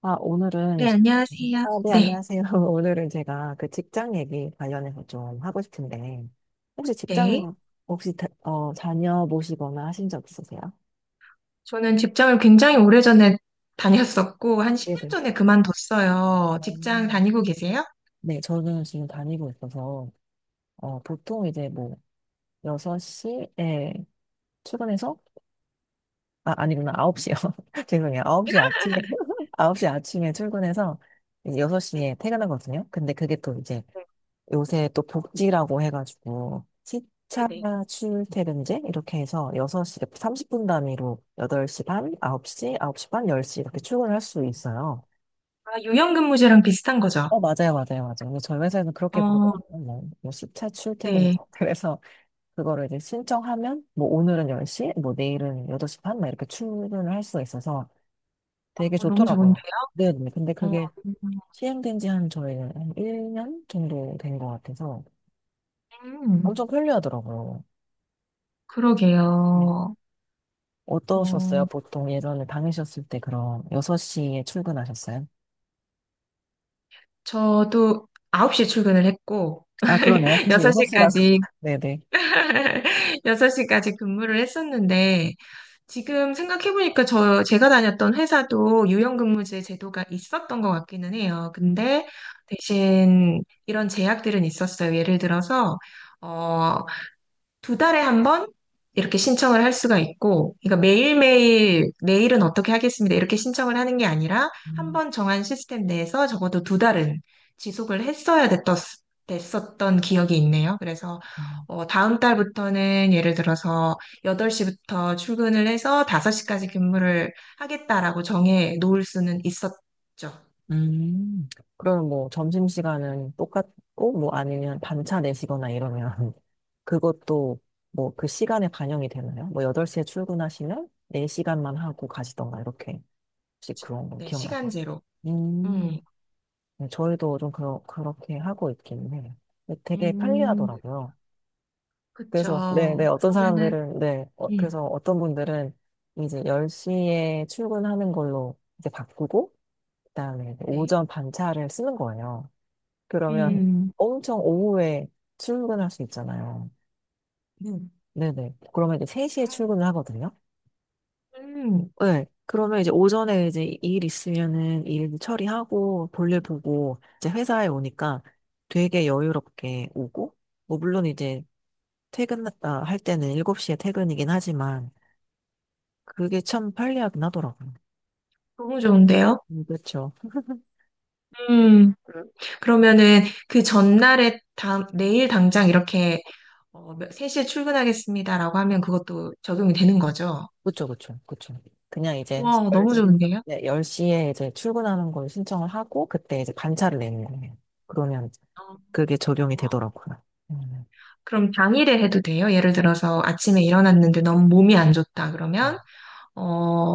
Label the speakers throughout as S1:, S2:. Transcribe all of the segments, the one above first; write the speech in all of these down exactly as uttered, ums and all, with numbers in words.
S1: 아, 오늘은,
S2: 네, 안녕하세요.
S1: 아, 네,
S2: 네,
S1: 안녕하세요. 오늘은 제가 그 직장 얘기 관련해서 좀 하고 싶은데, 혹시
S2: 네.
S1: 직장, 혹시, 다- 어, 다녀 보시거나 하신 적 있으세요?
S2: 저는 직장을 굉장히 오래전에 다녔었고, 한 십 년
S1: 네네.
S2: 전에 그만뒀어요. 직장
S1: 음.
S2: 다니고 계세요?
S1: 네, 저는 지금 다니고 있어서, 어, 보통 이제 뭐, 여섯 시에 출근해서, 아, 아니구나, 아홉 시요. 죄송해요. 아홉 시 아침에, 홉시 아침에 출근해서,
S2: 네,
S1: 여섯 시에 퇴근하거든요. 근데 그게 또 이제
S2: 네,
S1: 요새 또 복지라고 해가지고
S2: 네.
S1: 시차
S2: 네.
S1: 출퇴근제 이렇게 해서 여섯 시 삼십 분 단위로 여덟 시 반, 아홉 시, 아홉 시 반, 열 시 이렇게 출근할 수 있어요.
S2: 아, 유연근무제랑 비슷한 거죠?
S1: 어, 맞아요, 맞아요, 맞아요. 근데 저희 회사에는 그렇게
S2: 어,
S1: 보더라고요. 뭐 시차 출퇴근.
S2: 네.
S1: 그래서 그거를 이제 신청하면 뭐 오늘은 열 시, 뭐 내일은 여덟 시 반, 막 이렇게 출근을 할 수가 있어서 되게
S2: 어, 너무
S1: 좋더라고요.
S2: 좋은데요?
S1: 네, 네. 근데
S2: 어.
S1: 그게 시행된 지 한 저희는 한 일 년 정도 된 것 같아서
S2: 음.
S1: 엄청 편리하더라고요.
S2: 그러게요.
S1: 어떠셨어요?
S2: 어,
S1: 보통 예전에 다니셨을 때 그럼 여섯 시에 출근하셨어요?
S2: 저도 아홉 시 출근을 했고,
S1: 아, 그러네요. 그래서 여섯 시라고.
S2: 여섯 시까지
S1: 네네.
S2: 여섯 시까지 근무를 했었는데, 지금 생각해보니까 저, 제가 다녔던 회사도 유연근무제 제도가 있었던 것 같기는 해요.
S1: 음,
S2: 근데 대신 이런 제약들은 있었어요. 예를 들어서, 어, 두 달에 한 번 이렇게 신청을 할 수가 있고, 그러니까 매일매일 내일은 어떻게 하겠습니다, 이렇게 신청을 하는 게 아니라 한
S1: 음,
S2: 번 정한 시스템 내에서 적어도 두 달은 지속을 했어야 됐었, 됐었던 기억이 있네요. 그래서
S1: 음.
S2: 어, 다음 달부터는 예를 들어서 여덟 시부터 출근을 해서 다섯 시까지 근무를 하겠다라고 정해 놓을 수는 있었죠.
S1: 음. 그러면 뭐 점심시간은 똑같고, 뭐 아니면 반차 내시거나 이러면 그것도 뭐 그 시간에 반영이 되나요? 뭐 여덟 시에 출근하시면 네 시간만 하고 가시던가 이렇게. 혹시
S2: 그쵸.
S1: 그런 거
S2: 네,
S1: 기억나죠요.
S2: 시간제로. 음.
S1: 음. 네, 저희도 좀 그러, 그렇게 하고 있긴 해요. 근데 되게
S2: 음.
S1: 편리하더라고요. 그래서, 네, 네,
S2: 그쵸.
S1: 어떤
S2: 그러면은,
S1: 사람들은, 네, 어,
S2: 음.
S1: 그래서 어떤 분들은 이제 열 시에 출근하는 걸로 이제 바꾸고, 그다음에
S2: 네.
S1: 오전 반차를 쓰는 거예요. 그러면
S2: 음.
S1: 엄청 오후에 출근할 수 있잖아요.
S2: 음.
S1: 네네. 그러면 이제 세 시에 출근을 하거든요.
S2: 음.
S1: 네. 그러면 이제 오전에 이제 일 있으면은 일 처리하고 볼일 보고 이제 회사에 오니까 되게 여유롭게 오고, 뭐 물론 이제 퇴근, 아, 할 때는 일곱 시에 퇴근이긴 하지만 그게 참 편리하긴 하더라고요.
S2: 너무 좋은데요?
S1: 음, 그쵸.
S2: 음. 그러면은 그 전날에 다, 내일 당장 이렇게 어, 몇- 세 시에 출근하겠습니다라고 하면 그것도 적용이 되는 거죠?
S1: 그쵸, 그쵸, 그쵸. 그냥 이제
S2: 와, 너무 네.
S1: 열 시,
S2: 좋은데요?
S1: 네, 시에 이제 출근하는 걸 신청을 하고, 그때 이제 반차를 내는 거예요. 그러면
S2: 어.
S1: 그게 적용이
S2: 어.
S1: 되더라고요. 음,
S2: 그럼 당일에 해도 돼요? 예를 들어서 아침에 일어났는데 너무 몸이 안 좋다
S1: 음.
S2: 그러면 어,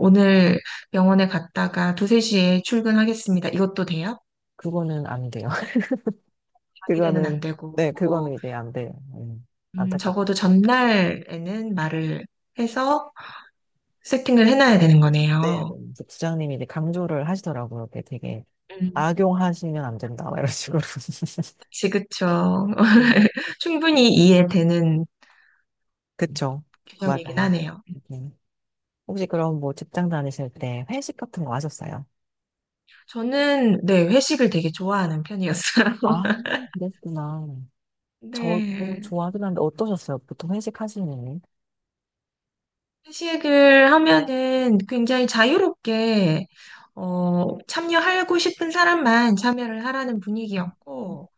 S2: 오늘 병원에 갔다가 두 시, 세 시에 출근하겠습니다, 이것도 돼요?
S1: 그거는 안 돼요.
S2: 당일에는
S1: 그거는,
S2: 안 되고
S1: 네,
S2: 어,
S1: 그거는 이제 안 돼요. 음,
S2: 음,
S1: 안타깝고.
S2: 적어도 전날에는 말을 해서 세팅을 해놔야 되는
S1: 네, 네.
S2: 거네요.
S1: 그래서 부장님이 이제 강조를 하시더라고요. 그게 되게
S2: 음.
S1: 악용하시면 안 된다, 막 이런 식으로.
S2: 그치, 그쵸.
S1: 네.
S2: 충분히 이해되는
S1: 그쵸.
S2: 규정이긴
S1: 맞아요.
S2: 하네요.
S1: 네. 혹시 그럼 뭐 직장 다니실 때 회식 같은 거 하셨어요?
S2: 저는, 네, 회식을 되게 좋아하는 편이었어요.
S1: 아, 그랬구나. 저도
S2: 네.
S1: 좋아하긴 한데 어떠셨어요? 보통 회식 하시는?
S2: 회식을 하면은 굉장히 자유롭게, 어, 참여하고 싶은 사람만 참여를 하라는 분위기였고,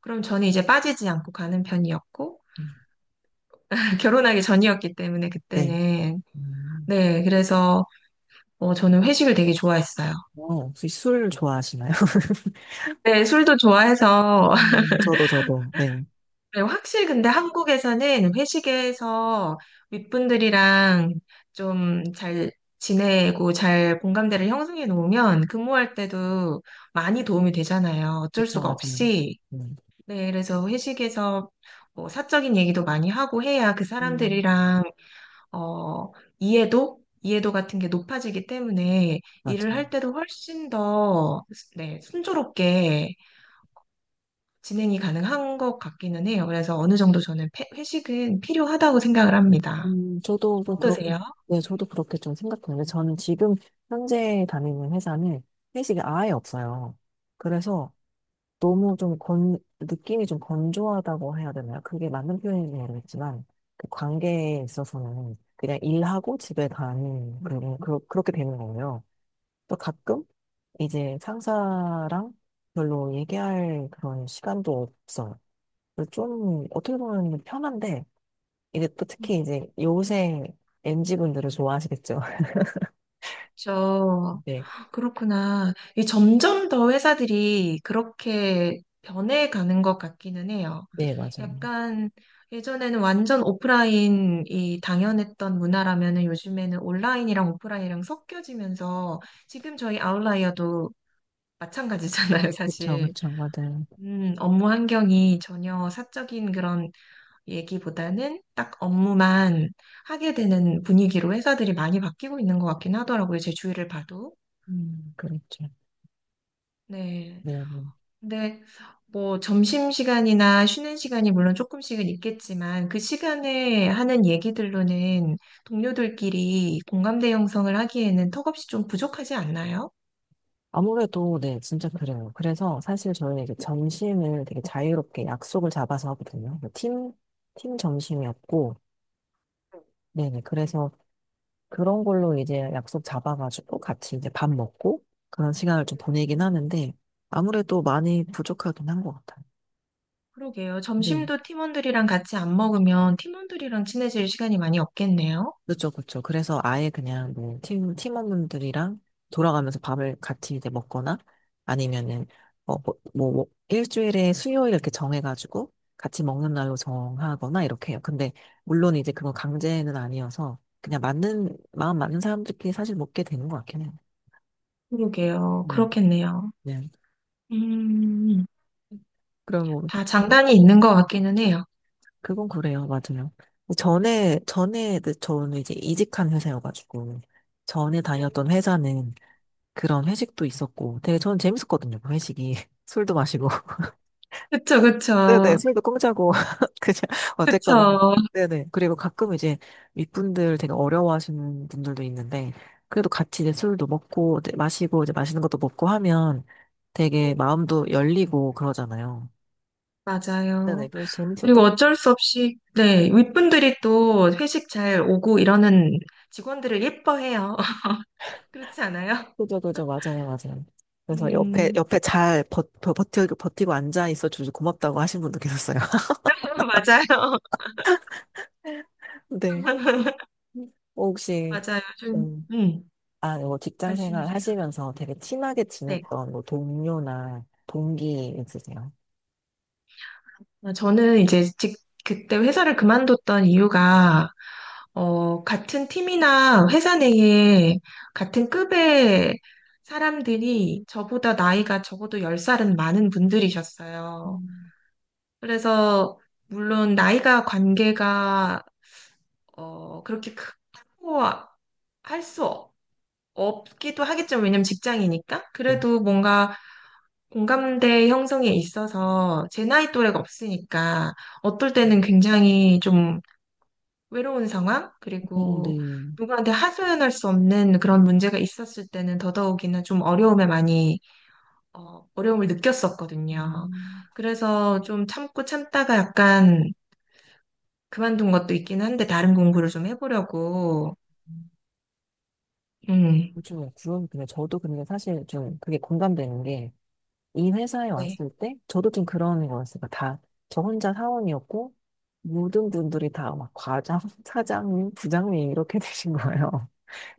S2: 그럼 저는 이제 빠지지 않고 가는 편이었고,
S1: 음,
S2: 결혼하기 전이었기 때문에
S1: 네.
S2: 그때는.
S1: 음.
S2: 네, 그래서, 어, 저는 회식을 되게 좋아했어요.
S1: 어, 혹시 술 좋아하시나요?
S2: 네, 술도 좋아해서
S1: 음, 저도, 저도. 네.
S2: 네, 확실히 근데 한국에서는 회식에서 윗분들이랑 좀 잘 지내고 잘 공감대를 형성해 놓으면 근무할 때도 많이 도움이 되잖아요. 어쩔
S1: 그쵸,
S2: 수가
S1: 맞아요.
S2: 없이.
S1: 네.
S2: 네, 그래서 회식에서 뭐 사적인 얘기도 많이 하고 해야 그
S1: 음,
S2: 사람들이랑, 어, 이해도? 이해도 같은 게 높아지기 때문에 일을 할
S1: 맞아요.
S2: 때도 훨씬 더, 네, 순조롭게 진행이 가능한 것 같기는 해요. 그래서 어느 정도 저는 패- 회식은 필요하다고 생각을 합니다.
S1: 음, 저도 좀 그렇고,
S2: 어떠세요?
S1: 네, 저도 그렇게 좀 생각하는데, 저는 지금 현재 다니는 회사는 회식이 아예 없어요. 그래서 너무 좀 건, 느낌이 좀 건조하다고 해야 되나요? 그게 맞는 표현인지 모르겠지만, 그 관계에 있어서는 그냥 일하고 집에 가는, 그런, 그러, 그렇게 되는 거예요. 또 가끔 이제 상사랑 별로 얘기할 그런 시간도 없어요. 그래서 좀 어떻게 보면 편한데, 이제 또 특히 이제 요새 엠지분들을 좋아하시겠죠?
S2: 그렇죠.
S1: 네,
S2: 그렇구나. 이 점점 더 회사들이 그렇게 변해가는 것 같기는 해요.
S1: 네, 맞아요.
S2: 약간 예전에는 완전 오프라인이 당연했던 문화라면은 요즘에는 온라인이랑 오프라인이랑 섞여지면서 지금 저희 아웃라이어도 마찬가지잖아요,
S1: 그쵸,
S2: 사실.
S1: 그쵸, 맞아요.
S2: 음, 업무 환경이 전혀 사적인 그런 얘기보다는 딱 업무만 하게 되는 분위기로 회사들이 많이 바뀌고 있는 것 같긴 하더라고요. 제 주위를 봐도.
S1: 음, 그렇죠.
S2: 네.
S1: 네, 네.
S2: 근데 뭐 점심시간이나 쉬는 시간이 물론 조금씩은 있겠지만 그 시간에 하는 얘기들로는 동료들끼리 공감대 형성을 하기에는 턱없이 좀 부족하지 않나요?
S1: 아무래도 네, 진짜 그래요. 그래서 사실 저는 희 이제 점심을 되게 자유롭게 약속을 잡아서 하거든요. 뭐 팀, 팀 점심이었고, 네네. 그래서 그런 걸로 이제 약속 잡아가지고 같이 이제 밥 먹고 그런 시간을 좀 보내긴 하는데 아무래도 많이 부족하긴 한 것 같아요.
S2: 그러게요.
S1: 네.
S2: 점심도 팀원들이랑 같이 안 먹으면 팀원들이랑 친해질 시간이 많이 없겠네요.
S1: 그렇죠, 그렇죠. 그래서 아예 그냥 뭐 팀, 팀원분들이랑 돌아가면서 밥을 같이 이제 먹거나 아니면은, 어, 뭐, 뭐, 뭐 일주일에 수요일 이렇게 정해가지고 같이 먹는 날로 정하거나 이렇게 해요. 근데 물론 이제 그건 강제는 아니어서 그냥 맞는, 마음 맞는 사람들끼리 사실 먹게 되는 것 같긴 해요.
S2: 그러게요.
S1: 음,
S2: 그렇겠네요.
S1: 네.
S2: 음.
S1: 그럼 뭐,
S2: 다 장단이 있는 것 같기는 해요.
S1: 그건 그래요. 맞아요. 전에, 전에, 그 저는 이제 이직한 회사여가지고 전에
S2: 음.
S1: 다녔던 회사는 그런 회식도 있었고 되게 저는 재밌었거든요. 그 회식이 술도 마시고
S2: 그쵸,
S1: 네네
S2: 그쵸.
S1: 술도 공짜고 그냥 어쨌거나
S2: 그쵸.
S1: 네네 그리고 가끔 이제 윗분들 되게 어려워하시는 분들도 있는데 그래도 같이 이제 술도 먹고 이제 마시고 이제 맛있는 것도 먹고 하면 되게
S2: 음.
S1: 마음도 열리고 그러잖아요. 네네
S2: 맞아요.
S1: 그래서
S2: 그리고
S1: 재밌었던,
S2: 어쩔 수 없이, 네, 윗분들이 또 회식 잘 오고 이러는 직원들을 예뻐해요. 그렇지 않아요?
S1: 그죠, 그죠, 맞아요, 맞아요. 그래서 옆에
S2: 음.
S1: 옆에 잘 버, 버, 버티고 버티고 앉아 있어 주셔서 고맙다고 하신 분도 계셨어요.
S2: 맞아요.
S1: 네. 어, 혹시
S2: 맞아요. 좀, 음,
S1: 아, 뭐 직장 생활
S2: 말씀하세요.
S1: 하시면서 되게 친하게
S2: 네.
S1: 지냈던 뭐 동료나 동기 있으세요?
S2: 아, 저는 이제 직, 그때 회사를 그만뒀던 이유가, 어, 같은 팀이나 회사 내에 같은 급의 사람들이 저보다 나이가 적어도 열 살은 많은 분들이셨어요.
S1: 음.
S2: 그래서, 물론 나이가 관계가, 어, 그렇게 크고 할 수 없기도 하겠죠. 왜냐면 직장이니까.
S1: 네.
S2: 그래도 뭔가 공감대 형성에 있어서 제 나이 또래가 없으니까 어떨 때는 굉장히 좀 외로운 상황,
S1: 어,
S2: 그리고
S1: 네.
S2: 누구한테 하소연할 수 없는 그런 문제가 있었을 때는 더더욱이나 좀 어려움에 많이, 어, 어려움을 느꼈었거든요.
S1: 음.
S2: 그래서 좀 참고 참다가 약간 그만둔 것도 있긴 한데 다른 공부를 좀 해보려고, 음,
S1: 요즘에 그런, 근데 저도 근데 사실 좀 그게 공감되는 게, 이 회사에
S2: 네.
S1: 왔을 때, 저도 좀 그런 거였어요. 다, 저 혼자 사원이었고, 모든 분들이 다 막 과장, 사장님, 부장님 이렇게 되신 거예요.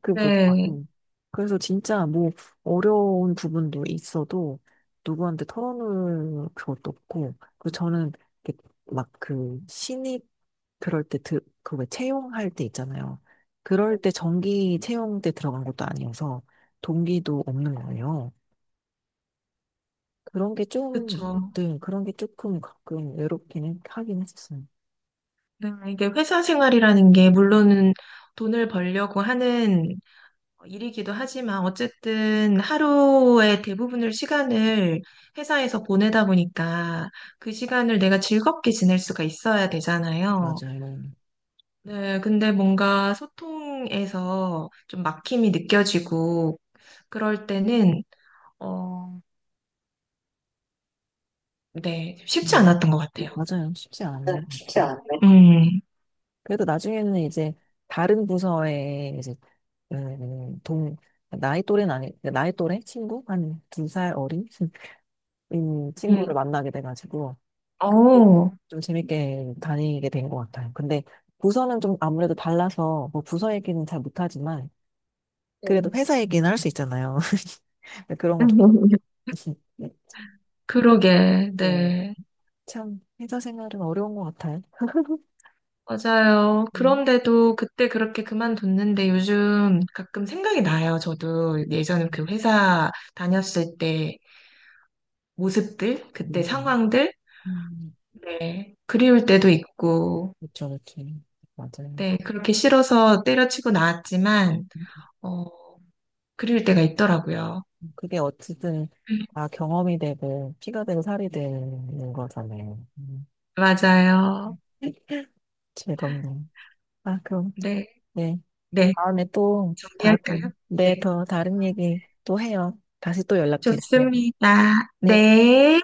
S1: 그
S2: 네,
S1: 부분. 그래서 진짜 뭐 어려운 부분도 있어도 누구한테 털어놓을 것도 없고, 그 저는 막 그 신입 그럴 때 그 왜 채용할 때 있잖아요. 그럴 때 정기 채용 때 들어간 것도 아니어서 동기도 없는 거예요. 그런 게 좀,
S2: 그쵸.
S1: 네, 그런 게 조금 가끔 외롭기는 하긴 했었어요.
S2: 네, 이게 회사 생활이라는 게 물론은 돈을 벌려고 하는 어, 일이기도 하지만 어쨌든 하루의 대부분을 시간을 회사에서 보내다 보니까 그 시간을 내가 즐겁게 지낼 수가 있어야 되잖아요.
S1: 맞아요.
S2: 네, 근데 뭔가 소통에서 좀 막힘이 느껴지고 그럴 때는 어, 네, 쉽지
S1: 음,
S2: 않았던 것 같아요.
S1: 맞아요. 쉽지
S2: 네,
S1: 않네요.
S2: 쉽지 않네. 음.
S1: 그래도 나중에는 이제 다른 부서에 이제 음, 음, 동, 나이 또래는 아니, 그러니까 나이 또래? 친구? 한 두 살 어린? 음, 친구를
S2: 음.
S1: 만나게 돼가지고
S2: 어.
S1: 좀 재밌게 다니게 된 것 같아요. 근데 부서는 좀 아무래도 달라서 뭐 부서 얘기는 잘 못하지만 그래도
S2: 네.
S1: 회사 얘기는 할 수 있잖아요. 그런 거좋
S2: 그러게,
S1: 네.
S2: 네.
S1: 참, 회사 생활은 어려운 것 같아요.
S2: 맞아요.
S1: 음.
S2: 그런데도 그때 그렇게 그만뒀는데 요즘 가끔 생각이 나요. 저도 예전에 그 회사 다녔을 때 모습들, 그때
S1: 네.
S2: 상황들,
S1: 음,
S2: 네. 그리울 때도 있고,
S1: 그렇죠, 그렇죠. 맞아요.
S2: 네. 그렇게 싫어서 때려치고 나왔지만, 어, 그리울 때가 있더라고요.
S1: 그게 어쨌든
S2: 음,
S1: 다 경험이 되고 피가 되고 살이 되는 거잖아요. 음,
S2: 맞아요.
S1: 즐겁네요. 아, 그럼
S2: 네.
S1: 네.
S2: 네.
S1: 다음에 또
S2: 정리할까요?
S1: 다른
S2: 네.
S1: 네, 더 다른 얘기 또 해요. 다시 또 연락드릴게요.
S2: 좋습니다.
S1: 네.
S2: 네.